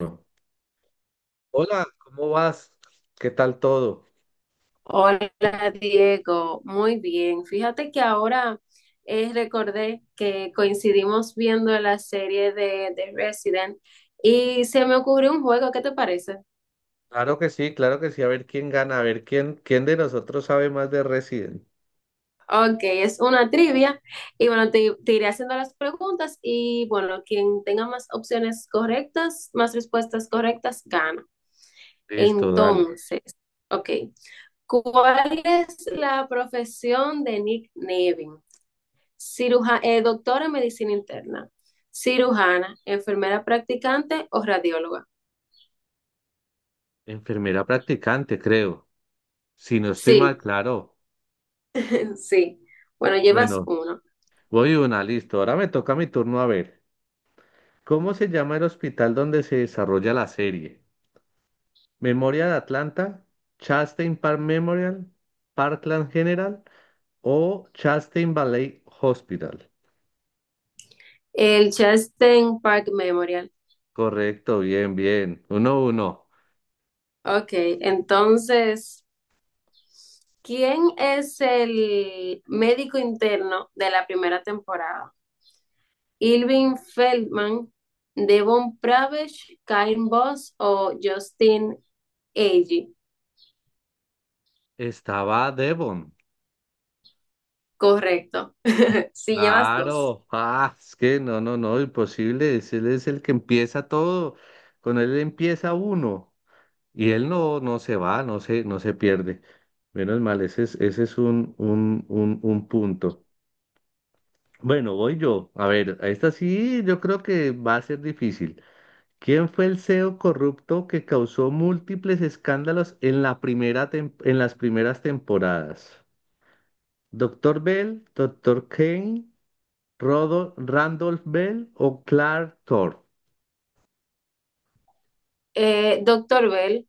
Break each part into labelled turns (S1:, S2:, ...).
S1: No. Hola, ¿cómo vas? ¿Qué tal todo?
S2: Hola Diego, muy bien. Fíjate que ahora recordé que coincidimos viendo la serie de Resident y se me ocurrió un juego. ¿Qué te parece?
S1: Claro que sí, claro que sí. A ver quién gana, a ver quién de nosotros sabe más de Resident.
S2: Ok, es una trivia y bueno, te iré haciendo las preguntas y bueno, quien tenga más opciones correctas, más respuestas correctas, gana.
S1: Listo, dale.
S2: Entonces, ok, ¿cuál es la profesión de Nick Nevin? Doctora en medicina interna, cirujana, enfermera practicante o radióloga.
S1: Enfermera practicante, creo. Si no estoy
S2: Sí,
S1: mal, claro.
S2: sí. Bueno, llevas
S1: Bueno,
S2: uno.
S1: voy una, listo. Ahora me toca mi turno a ver. ¿Cómo se llama el hospital donde se desarrolla la serie? ¿Memoria de Atlanta? ¿Chastain Park Memorial? ¿Parkland General? ¿O Chastain Valley Hospital?
S2: El Chastain Park Memorial.
S1: Correcto, bien, bien. Uno, uno.
S2: Ok, entonces, ¿quién es el médico interno de la primera temporada? Irving Feldman, Devon Pravesh, Karen Boss o Justin Agee.
S1: Estaba Devon.
S2: Correcto. Sí, llevas dos.
S1: Claro. Ah, es que no, imposible. Él es el que empieza todo. Con él empieza uno. Y él no se va, no se pierde. Menos mal, ese es un punto. Bueno, voy yo. A ver, a esta sí yo creo que va a ser difícil. ¿Quién fue el CEO corrupto que causó múltiples escándalos en la primera en las primeras temporadas? ¿Doctor Bell? ¿Doctor Kane? Randolph Bell o Clark Thor.
S2: Doctor Bell.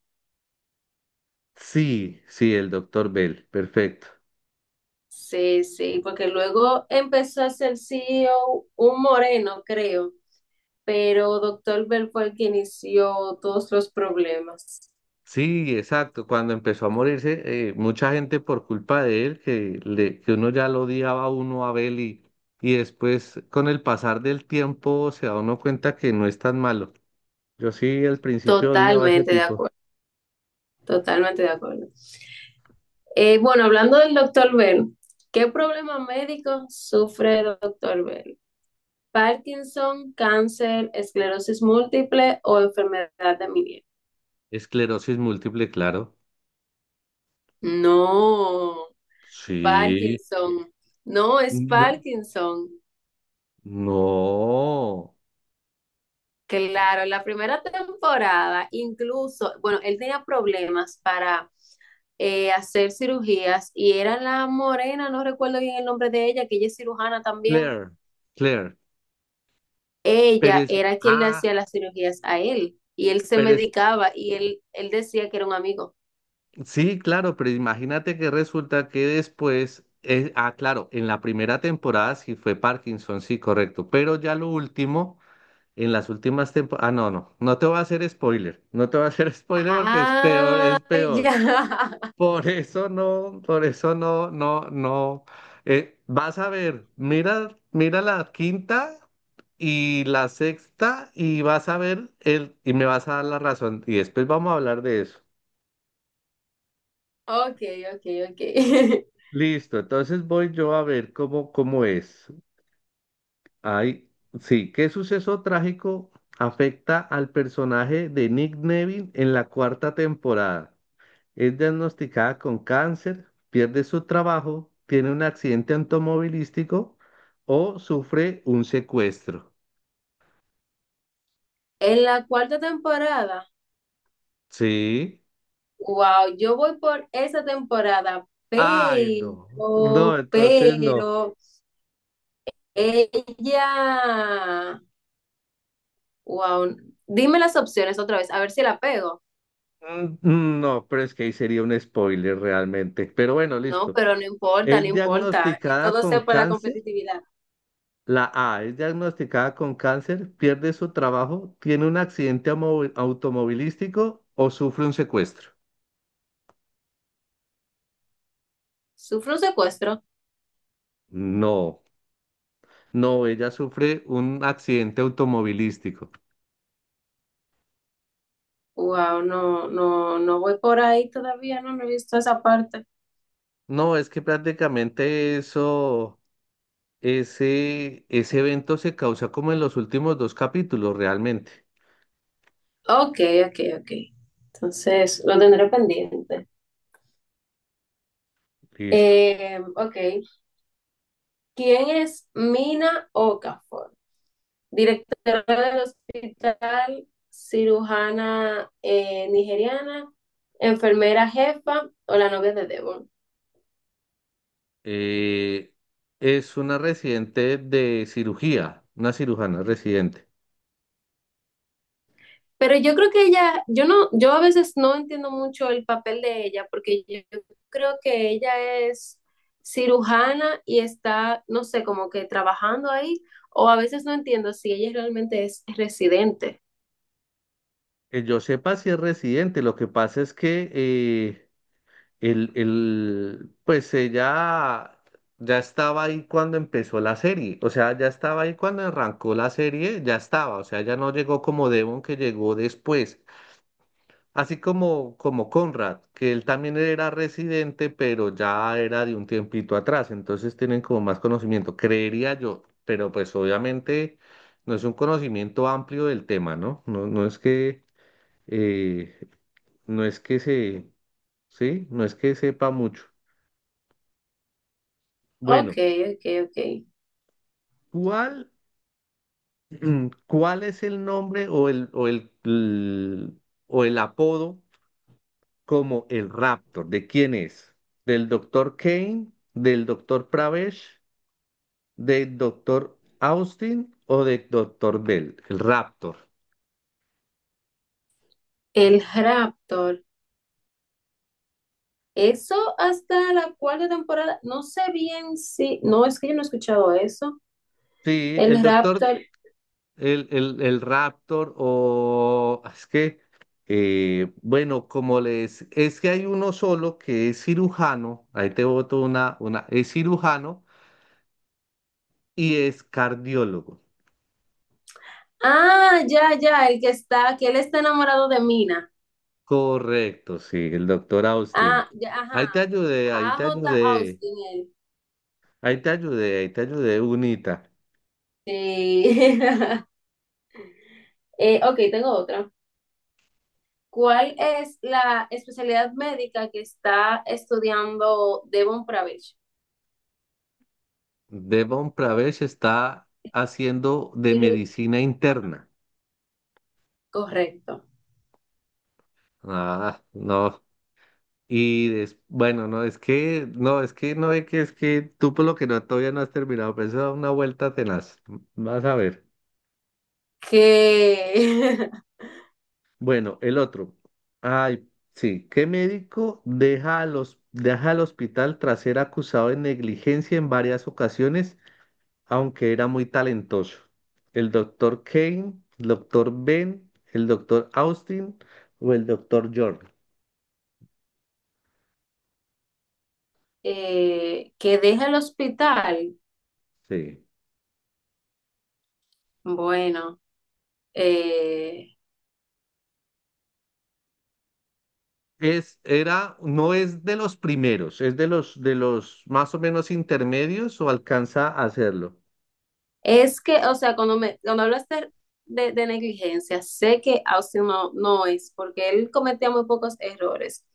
S1: Sí, sí, el doctor Bell, perfecto.
S2: Sí, sí, porque luego empezó a ser CEO un moreno, creo, pero doctor Bell fue el que inició todos los problemas.
S1: Sí, exacto. Cuando empezó a morirse, mucha gente por culpa de él, que uno ya lo odiaba a uno a Bell y después con el pasar del tiempo se da uno cuenta que no es tan malo. Yo sí al principio odiaba a ese
S2: Totalmente de
S1: tipo.
S2: acuerdo, totalmente de acuerdo. Bueno, hablando del doctor Bell, ¿qué problema médico sufre el doctor Bell? ¿Parkinson, cáncer, esclerosis múltiple o enfermedad de Meniere?
S1: Esclerosis múltiple, claro.
S2: No,
S1: Sí.
S2: Parkinson, no es
S1: No.
S2: Parkinson.
S1: No.
S2: Claro, la primera temporada, incluso, bueno, él tenía problemas para hacer cirugías y era la morena, no recuerdo bien el nombre de ella, que ella es cirujana también.
S1: Claire, Claire. Pero
S2: Ella
S1: es,
S2: era quien le
S1: ah,
S2: hacía las cirugías a él y él se
S1: pero es.
S2: medicaba y él decía que era un amigo.
S1: Sí, claro, pero imagínate que resulta que después, claro, en la primera temporada sí fue Parkinson, sí, correcto, pero ya lo último, en las últimas temporadas, no te voy a hacer spoiler, no te voy a hacer spoiler porque es peor,
S2: Ah,
S1: es
S2: ya.
S1: peor. Por eso no, vas a ver, mira, mira la quinta y la sexta y vas a ver y me vas a dar la razón y después vamos a hablar de eso.
S2: Ok, ok, ok.
S1: Listo, entonces voy yo a ver cómo, cómo es. Ay, sí, ¿qué suceso trágico afecta al personaje de Nick Neville en la cuarta temporada? Es diagnosticada con cáncer, pierde su trabajo, tiene un accidente automovilístico o sufre un secuestro.
S2: En la cuarta temporada,
S1: Sí.
S2: wow, yo voy por esa temporada,
S1: Ay, no. No, entonces no.
S2: pero ella, wow, dime las opciones otra vez, a ver si la pego.
S1: Mm, mm, no, pero es que ahí sería un spoiler realmente. Pero bueno,
S2: No,
S1: listo.
S2: pero no importa, no
S1: Es
S2: importa.
S1: diagnosticada
S2: Todo
S1: con
S2: sea por la
S1: cáncer
S2: competitividad.
S1: La A es diagnosticada con cáncer, pierde su trabajo, tiene un accidente automovilístico o sufre un secuestro.
S2: ¿Sufre un secuestro?
S1: No, no, ella sufre un accidente automovilístico.
S2: Wow, no, no, no voy por ahí todavía, no, no he visto esa parte.
S1: No, es que prácticamente eso, ese evento se causa como en los últimos dos capítulos realmente.
S2: Ok, ok, ok. Entonces, lo tendré pendiente.
S1: Listo.
S2: Ok. ¿Quién es Mina Okafor? Directora del hospital, cirujana nigeriana, enfermera jefa o la novia de Devon.
S1: Eh, es una residente de cirugía, una cirujana residente.
S2: Pero yo creo que ella, yo no, yo a veces no entiendo mucho el papel de ella, porque yo creo que ella es cirujana y está, no sé, como que trabajando ahí, o a veces no entiendo si ella realmente es residente.
S1: Que yo sepa si es residente, lo que pasa es que... pues ella ya estaba ahí cuando empezó la serie, o sea, ya estaba ahí cuando arrancó la serie, ya estaba, o sea, ya no llegó como Devon que llegó después, así como, como Conrad, que él también era residente, pero ya era de un tiempito atrás, entonces tienen como más conocimiento, creería yo, pero pues obviamente no es un conocimiento amplio del tema, ¿no? No, no es que, eh, no es que se, sí, no es que sepa mucho.
S2: Ok,
S1: Bueno,
S2: ok, ok.
S1: ¿cuál, cuál es el nombre o el apodo como el Raptor? ¿De quién es? ¿Del doctor Kane? ¿Del doctor Pravesh? ¿Del doctor Austin o del doctor Bell? El Raptor.
S2: El rapto. Eso hasta la cuarta temporada, no sé bien si, no, es que yo no he escuchado eso.
S1: Sí, el
S2: El
S1: doctor,
S2: Raptor,
S1: el Raptor o es que, bueno, como les, es que hay uno solo que es cirujano, ahí te boto una, es cirujano y es cardiólogo.
S2: ah, ya, ya, el que está, que él está enamorado de Mina.
S1: Correcto, sí, el doctor Austin.
S2: Ah, ya, ajá,
S1: Ahí te ayudé, ahí
S2: A
S1: te
S2: J
S1: ayudé,
S2: Austin, él.
S1: ahí te ayudé, ahí te ayudé, Unita.
S2: Sí. Ok, tengo otra. ¿Cuál es la especialidad médica que está estudiando Devon Pravich?
S1: Devon Pravesh está haciendo de
S2: Ciru-
S1: medicina interna.
S2: Correcto.
S1: Ah, no. Bueno, no, es que tú por lo que no todavía no has terminado, pero eso da una vuelta tenaz. Vas a ver.
S2: Que,
S1: Bueno, el otro. Ay, sí. ¿Qué médico deja al hospital tras ser acusado de negligencia en varias ocasiones, aunque era muy talentoso? ¿El doctor Kane, el doctor Ben, el doctor Austin o el doctor Jordan?
S2: que deja el hospital.
S1: Sí.
S2: Bueno, eh,
S1: Es, era, no es de los primeros, es de los más o menos intermedios o alcanza a hacerlo.
S2: es que, o sea, cuando me, cuando hablaste de negligencia, sé que Austin no, no es, porque él cometía muy pocos errores.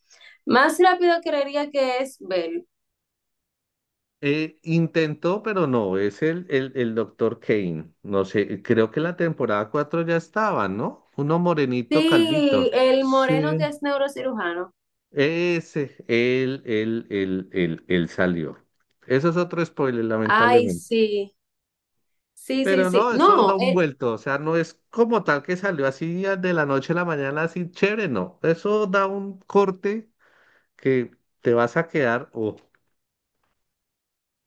S2: Más rápido creería que es Bell.
S1: Intentó, pero no, es el doctor Kane. No sé, creo que la temporada 4 ya estaba, ¿no? Uno morenito
S2: Sí,
S1: calvito.
S2: el moreno que
S1: Sí.
S2: es neurocirujano.
S1: Ese, él salió. Eso es otro spoiler,
S2: Ay,
S1: lamentablemente.
S2: sí, sí, sí,
S1: Pero
S2: sí.
S1: no, eso da
S2: No,
S1: un
S2: él,
S1: vuelto. O sea, no es como tal que salió así de la noche a la mañana, así chévere, no. Eso da un corte que te vas a quedar, ojo.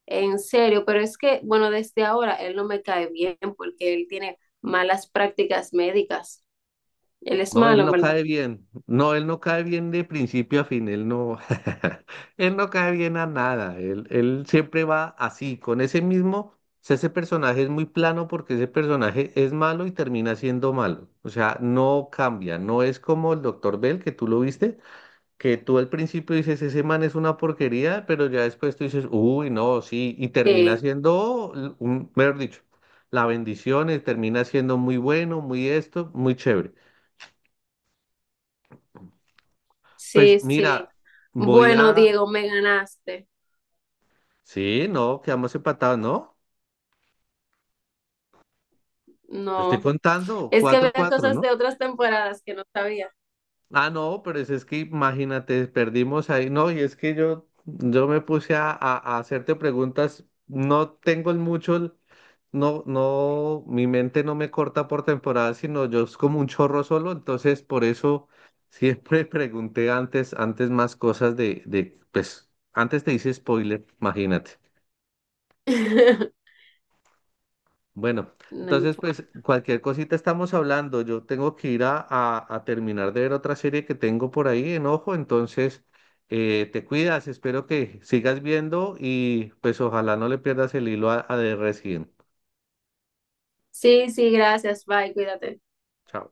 S2: en serio, pero es que, bueno, desde ahora él no me cae bien porque él tiene malas prácticas médicas. Él es
S1: No,
S2: malo,
S1: él
S2: en
S1: no
S2: verdad.
S1: cae bien. No, él no cae bien de principio a fin. Él no, él no cae bien a nada. Él siempre va así, con ese mismo. O sea, ese personaje es muy plano porque ese personaje es malo y termina siendo malo. O sea, no cambia. No es como el Doctor Bell, que tú lo viste, que tú al principio dices, ese man es una porquería, pero ya después tú dices, uy, no, sí, y termina
S2: Sí,
S1: siendo, un, mejor dicho, la bendición, y termina siendo muy bueno, muy esto, muy chévere.
S2: sí,
S1: Pues
S2: sí.
S1: mira, voy
S2: Bueno,
S1: a...
S2: Diego, me ganaste.
S1: Sí, no, quedamos empatados, ¿no? Yo estoy
S2: No.
S1: contando,
S2: Es que
S1: cuatro
S2: había
S1: cuatro,
S2: cosas
S1: ¿no?
S2: de otras temporadas que no sabía.
S1: Ah, no, pero es que imagínate, perdimos ahí, no, y es que yo, me puse a, a hacerte preguntas, no tengo el mucho, no, mi mente no me corta por temporada, sino yo es como un chorro solo, entonces por eso siempre pregunté antes, antes más cosas de, pues, antes te hice spoiler, imagínate. Bueno,
S2: No
S1: entonces pues
S2: importa.
S1: cualquier cosita estamos hablando. Yo tengo que ir a, a terminar de ver otra serie que tengo por ahí en ojo, entonces te cuidas, espero que sigas viendo y pues ojalá no le pierdas el hilo a The Resident.
S2: Sí, sí, gracias. Bye, cuídate.
S1: Chao.